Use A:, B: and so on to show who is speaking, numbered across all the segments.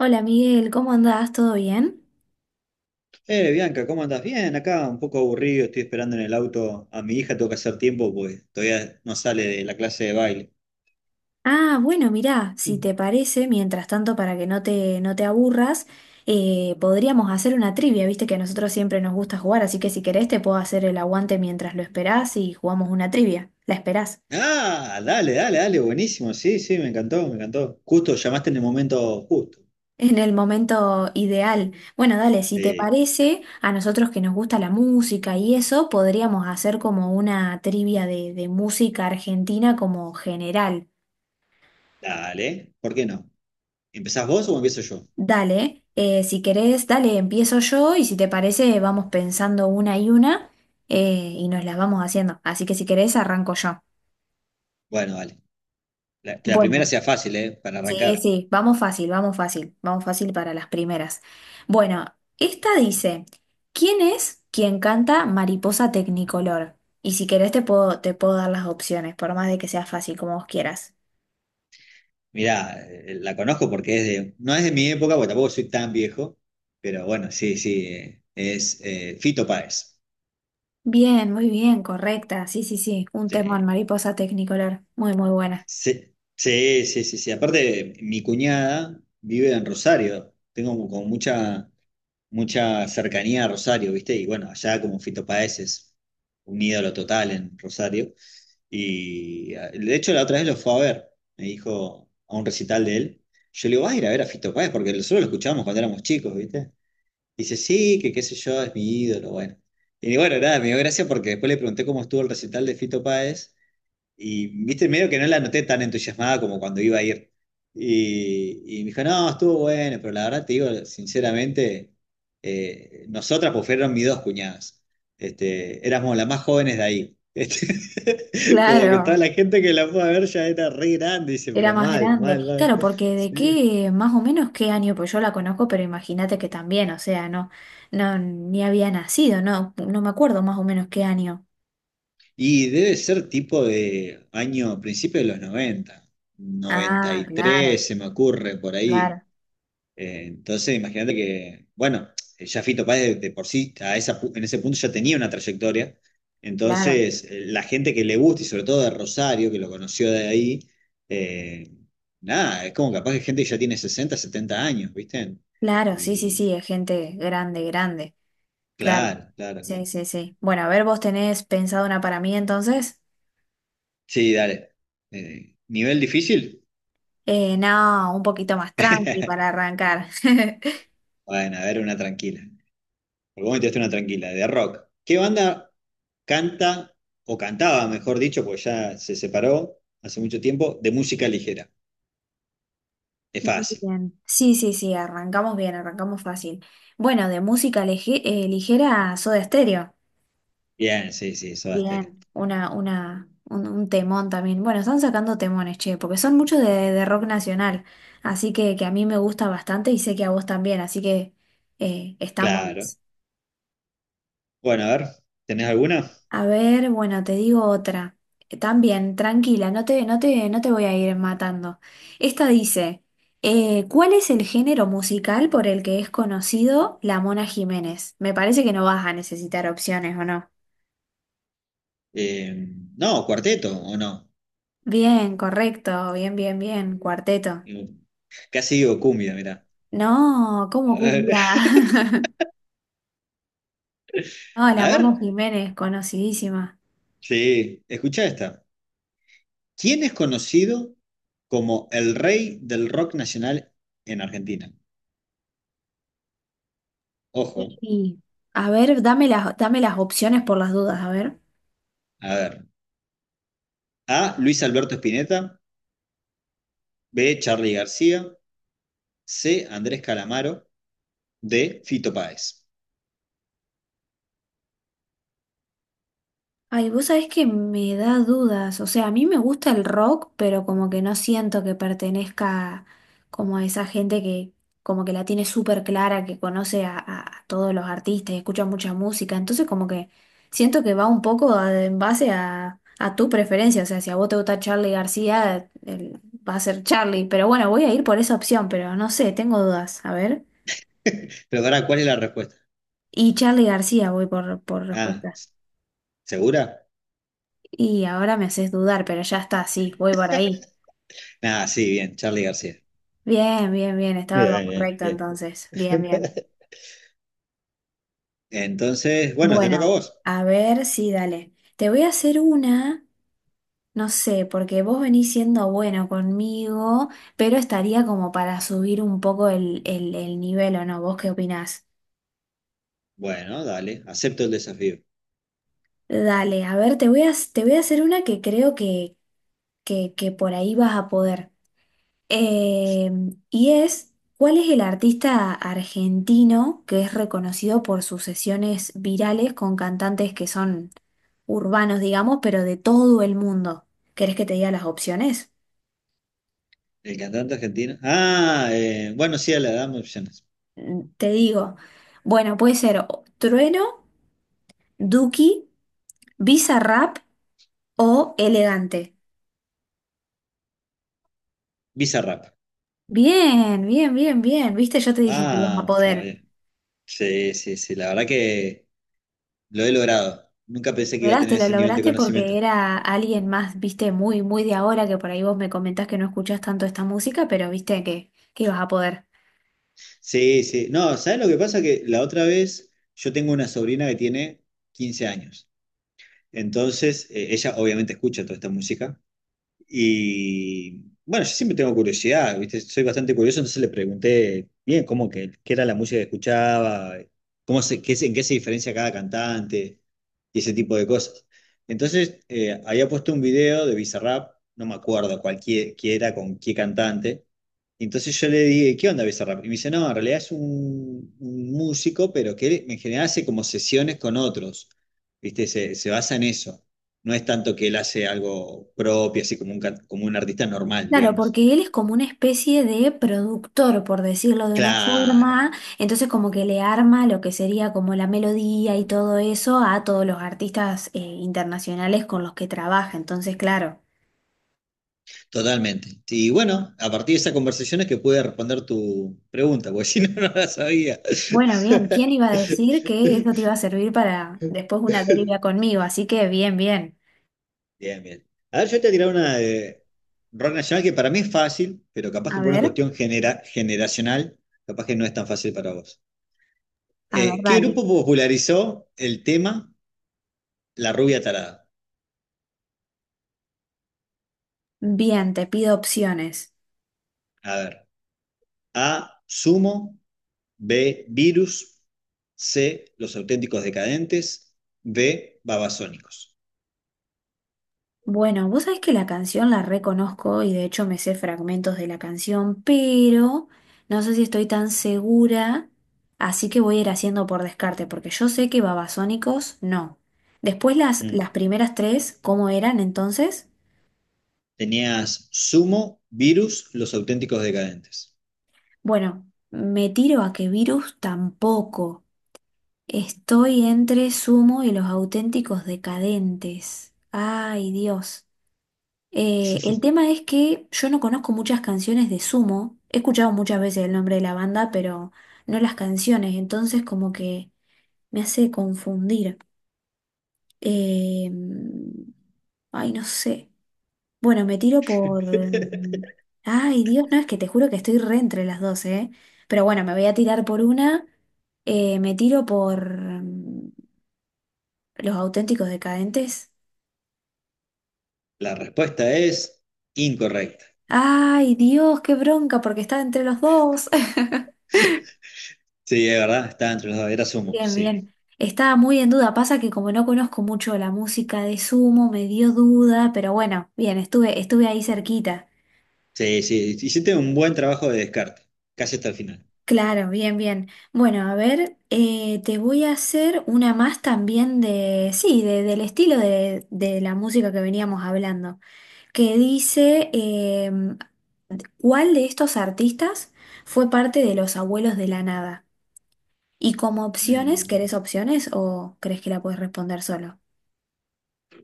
A: Hola Miguel, ¿cómo andás? ¿Todo bien?
B: Bianca, ¿cómo andás? Bien, acá un poco aburrido, estoy esperando en el auto a mi hija, tengo que hacer tiempo porque todavía no sale de la clase de baile.
A: Ah, bueno, mirá, si
B: Mm.
A: te parece, mientras tanto, para que no te aburras, podríamos hacer una trivia, viste que a nosotros siempre nos gusta jugar, así que si querés te puedo hacer el aguante mientras lo esperás y jugamos una trivia, la esperás,
B: Ah, dale, dale, dale, buenísimo, sí, sí, me encantó, me encantó. Justo, llamaste en el momento justo.
A: en el momento ideal. Bueno, dale, si te
B: Eh,
A: parece, a nosotros que nos gusta la música y eso, podríamos hacer como una trivia de música argentina como general.
B: Dale, ¿por qué no? ¿Empezás vos o empiezo yo?
A: Dale, si querés, dale, empiezo yo y si te parece, vamos pensando una y nos las vamos haciendo. Así que si querés, arranco yo.
B: Bueno, dale. Que la primera
A: Bueno,
B: sea fácil, ¿eh? Para
A: sí,
B: arrancar.
A: sí, vamos fácil, vamos fácil, vamos fácil para las primeras. Bueno, esta dice, ¿quién es quien canta Mariposa Tecnicolor? Y si querés, te puedo dar las opciones, por más de que sea fácil, como vos quieras.
B: Mirá, la conozco porque no es de mi época, porque tampoco soy tan viejo, pero bueno, sí, sí, es Fito Páez.
A: Bien, muy bien, correcta, sí, sí, sí, un
B: Sí.
A: temón, Mariposa Tecnicolor, muy, muy buena.
B: Sí, sí, sí, sí, sí. Aparte, mi cuñada vive en Rosario. Tengo como mucha cercanía a Rosario, ¿viste? Y bueno, allá como Fito Páez es un ídolo total en Rosario. Y, de hecho, la otra vez lo fue a ver. Me dijo a un recital de él. Yo le digo, vas a ir a ver a Fito Páez porque nosotros lo escuchábamos cuando éramos chicos, ¿viste? Dice, sí, que qué sé yo, es mi ídolo, bueno. Y bueno, nada, me dio gracia porque después le pregunté cómo estuvo el recital de Fito Páez. Y viste, medio que no la noté tan entusiasmada como cuando iba a ir. Y me dijo, no, estuvo bueno, pero la verdad te digo, sinceramente, nosotras, pues fueron mis dos cuñadas. Éramos las más jóvenes de ahí. Como que toda
A: Claro.
B: la gente que la fue a ver ya era re grande, dice,
A: Era
B: pero
A: más
B: mal,
A: grande.
B: mal, mal.
A: Claro, porque de
B: Sí.
A: qué, más o menos qué año, pues yo la conozco, pero imagínate que también, o sea, no, no, ni había nacido, no, no me acuerdo más o menos qué año.
B: Y debe ser tipo de año, principio de los noventa, noventa
A: Ah,
B: y
A: claro,
B: tres se me ocurre por ahí.
A: claro,
B: Entonces, imagínate que, bueno, ya Fito Páez de por sí, en ese punto ya tenía una trayectoria.
A: claro,
B: Entonces, la gente que le gusta, y sobre todo de Rosario, que lo conoció de ahí, eh, nada, es como capaz que gente que ya tiene 60 70 años, ¿viste?
A: claro, sí, sí,
B: Y
A: sí, es gente grande, grande, claro.
B: claro, claro,
A: Sí,
B: claro.
A: sí, sí. Bueno, a ver, vos tenés pensado una para mí entonces.
B: Sí, dale. ¿Nivel difícil?
A: No, un poquito más tranqui para arrancar.
B: Bueno, a ver, una tranquila. Por vos me tiraste una tranquila, de rock. ¿Qué banda canta, o cantaba, mejor dicho, porque ya se separó hace mucho tiempo, de música ligera? Es fácil.
A: Bien. Sí, sí, sí, arrancamos bien, arrancamos fácil. Bueno, de música ligera, Soda Stereo.
B: Bien, sí, sí, Soda Stereo.
A: Bien. Un temón también. Bueno, están sacando temones, che, porque son muchos de rock nacional. Así que a mí me gusta bastante y sé que a vos también, así que están
B: Claro.
A: buenos.
B: Bueno, a ver, ¿tenés alguna?
A: A ver, bueno, te digo otra. También, tranquila, no te voy a ir matando. Esta dice, ¿cuál es el género musical por el que es conocido la Mona Jiménez? Me parece que no vas a necesitar opciones, ¿o no?
B: Eh, no, cuarteto, ¿o no?
A: Bien, correcto, bien, bien, bien, cuarteto.
B: Casi digo cumbia, mirá.
A: No, ¿cómo
B: A ver,
A: cumbia? No, la
B: a
A: Mona
B: ver.
A: Jiménez, conocidísima.
B: Sí, escucha esta. ¿Quién es conocido como el rey del rock nacional en Argentina? Ojo,
A: Sí. A ver, dame las opciones por las dudas, a ver.
B: a ver. A, Luis Alberto Spinetta. B, Charly García. C, Andrés Calamaro. De Fito Páez.
A: Ay, vos sabés que me da dudas. O sea, a mí me gusta el rock, pero como que no siento que pertenezca como a esa gente que como que la tiene súper clara, que conoce a todos los artistas y escucha mucha música. Entonces como que siento que va un poco en base a tu preferencia. O sea, si a vos te gusta Charlie García, va a ser Charlie. Pero bueno, voy a ir por esa opción, pero no sé, tengo dudas. A ver.
B: Pero ahora, ¿cuál es la respuesta?
A: Y Charlie García voy por
B: Ah,
A: respuesta.
B: ¿segura?
A: Y ahora me haces dudar, pero ya está, sí, voy por ahí.
B: Ah, sí, bien, Charlie García.
A: Bien, bien, bien, estaba lo
B: Bien,
A: correcto
B: bien,
A: entonces.
B: bien.
A: Bien, bien.
B: Entonces, bueno, te toca a
A: Bueno,
B: vos.
A: a ver si dale. Te voy a hacer una, no sé, porque vos venís siendo bueno conmigo, pero estaría como para subir un poco el nivel, ¿o no? ¿Vos qué opinás?
B: Bueno, dale, acepto el desafío.
A: Dale, a ver, te voy a hacer una que creo que por ahí vas a poder. Eh, y es, ¿cuál es el artista argentino que es reconocido por sus sesiones virales con cantantes que son urbanos, digamos, pero de todo el mundo? ¿Querés que te diga las opciones?
B: El cantante argentino. Ah, bueno, sí, le damos opciones.
A: Mm, te digo, bueno, puede ser Trueno, Duki, Bizarrap o Elegante.
B: Bizarrap.
A: Bien, bien, bien, bien. Viste, yo te dije que ibas a
B: Vamos,
A: poder.
B: todavía. Sí, sí, sí, la verdad que lo he logrado. Nunca pensé que iba a tener
A: Lograste, lo
B: ese nivel de
A: lograste
B: conocimiento.
A: porque era alguien más, viste, muy, muy de ahora, que por ahí vos me comentás que no escuchás tanto esta música, pero viste que ibas a poder.
B: Sí, sí. No, ¿sabes lo que pasa? Que la otra vez yo tengo una sobrina que tiene 15 años. Entonces, ella obviamente escucha toda esta música y bueno, yo siempre tengo curiosidad, ¿viste? Soy bastante curioso, entonces le pregunté bien cómo que, qué era la música que escuchaba, cómo se, qué, se- en qué se diferencia cada cantante y ese tipo de cosas. Entonces, había puesto un video de Bizarrap, no me acuerdo cualquiera qué era con qué cantante. Y entonces yo le dije, ¿qué onda Bizarrap? Y me dice, no, en realidad es un músico, pero que en general hace como sesiones con otros, ¿viste? Se basa en eso. No es tanto que él hace algo propio, así como como un artista normal,
A: Claro,
B: digamos.
A: porque él es como una especie de productor, por decirlo de una
B: Claro,
A: forma, entonces como que le arma lo que sería como la melodía y todo eso a todos los artistas internacionales con los que trabaja, entonces claro.
B: totalmente. Y bueno, a partir de esa conversación es que pude responder tu pregunta, porque si no, no la sabía.
A: Bueno, bien, ¿quién iba a decir que eso te iba a servir para después una deriva conmigo? Así que bien, bien.
B: Bien, bien. A ver, yo te voy a tirar una de rock nacional que para mí es fácil, pero capaz
A: A
B: que por una
A: ver,
B: cuestión generacional, capaz que no es tan fácil para vos.
A: a ver,
B: ¿Qué
A: dale.
B: grupo popularizó el tema La rubia tarada?
A: Bien, te pido opciones.
B: A ver, A, Sumo, B, Virus. C, Los Auténticos Decadentes. D, Babasónicos.
A: Bueno, vos sabés que la canción la reconozco y de hecho me sé fragmentos de la canción, pero no sé si estoy tan segura, así que voy a ir haciendo por descarte, porque yo sé que Babasónicos no. Después las
B: Mm.
A: primeras tres, ¿cómo eran entonces?
B: Tenías Sumo, Virus, Los Auténticos Decadentes.
A: Bueno, me tiro a que Virus tampoco. Estoy entre Sumo y los auténticos decadentes. Ay, Dios. El tema es que yo no conozco muchas canciones de Sumo. He escuchado muchas veces el nombre de la banda, pero no las canciones. Entonces como que me hace confundir. Eh, ay, no sé. Bueno, me tiro por... Ay, Dios, no, es que te juro que estoy re entre las dos, ¿eh? Pero bueno, me voy a tirar por una. Me tiro por... mm, Los auténticos decadentes.
B: La respuesta es incorrecta.
A: Ay, Dios, qué bronca, porque está entre los dos.
B: Sí, es verdad, estaba entre los dos, era Sumo,
A: Bien,
B: sí.
A: bien. Estaba muy en duda. Pasa que como no conozco mucho la música de Sumo, me dio duda, pero bueno, bien, estuve ahí cerquita.
B: Sí, sí, hiciste un buen trabajo de descarte, casi hasta el final.
A: Claro, bien, bien. Bueno, a ver, te voy a hacer una más también de, sí, del estilo de la música que veníamos hablando, que dice, ¿cuál de estos artistas fue parte de Los Abuelos de la Nada? Y como opciones,
B: Mm.
A: ¿querés opciones o crees que la puedes responder solo?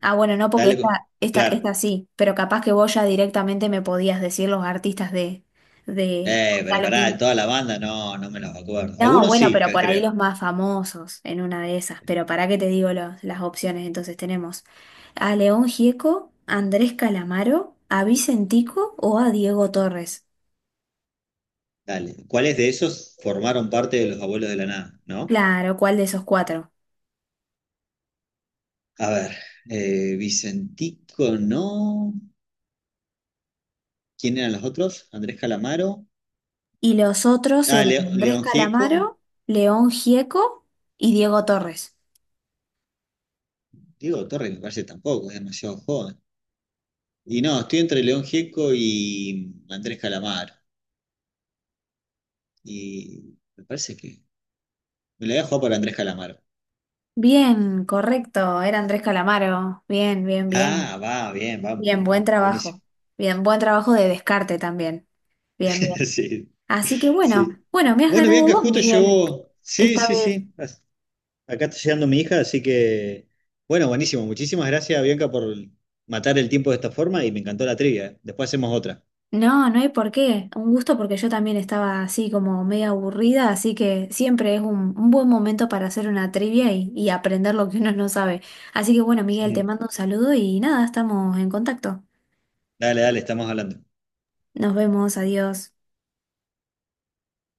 A: Ah, bueno, no, porque
B: Dale,
A: esta, esta,
B: claro.
A: esta sí, pero capaz que vos ya directamente me podías decir los artistas de
B: Pero
A: Gonzalo
B: pará, de
A: Gil.
B: toda la banda no, no me los acuerdo.
A: No,
B: Algunos
A: bueno,
B: sí,
A: pero por ahí
B: creo.
A: los más famosos en una de esas, pero para qué te digo las opciones, entonces tenemos a León Gieco, a Andrés Calamaro, a Vicentico o a Diego Torres.
B: Dale. ¿Cuáles de esos formaron parte de los abuelos de la nada, no?
A: Claro, ¿cuál de esos cuatro?
B: A ver, Vicentico, no. ¿Quién eran los otros? Andrés Calamaro.
A: Y los otros
B: Ah,
A: eran Andrés
B: León Gieco.
A: Calamaro, León Gieco y Diego Torres.
B: Diego Torres me parece tampoco, es demasiado joven. Y no, estoy entre León Gieco y Andrés Calamaro. Y me parece que me la voy a jugar por Andrés Calamaro.
A: Bien, correcto, era Andrés Calamaro. Bien, bien,
B: Ah,
A: bien.
B: va, bien, vamos,
A: Bien,
B: vamos,
A: buen
B: vamos.
A: trabajo.
B: Buenísimo.
A: Bien, buen trabajo de descarte también. Bien, bien.
B: Sí,
A: Así que bueno,
B: sí.
A: bueno, me has
B: Bueno,
A: ganado
B: Bianca,
A: vos,
B: justo
A: Miguel,
B: llegó. Sí,
A: esta
B: sí,
A: vez.
B: sí. Acá está llegando mi hija, así que, bueno, buenísimo. Muchísimas gracias, Bianca, por matar el tiempo de esta forma y me encantó la trivia. Después hacemos otra.
A: No, no hay por qué. Un gusto porque yo también estaba así como media aburrida, así que siempre es un buen momento para hacer una trivia y aprender lo que uno no sabe. Así que bueno, Miguel, te mando un saludo y nada, estamos en contacto.
B: Dale, dale, estamos hablando.
A: Nos vemos, adiós.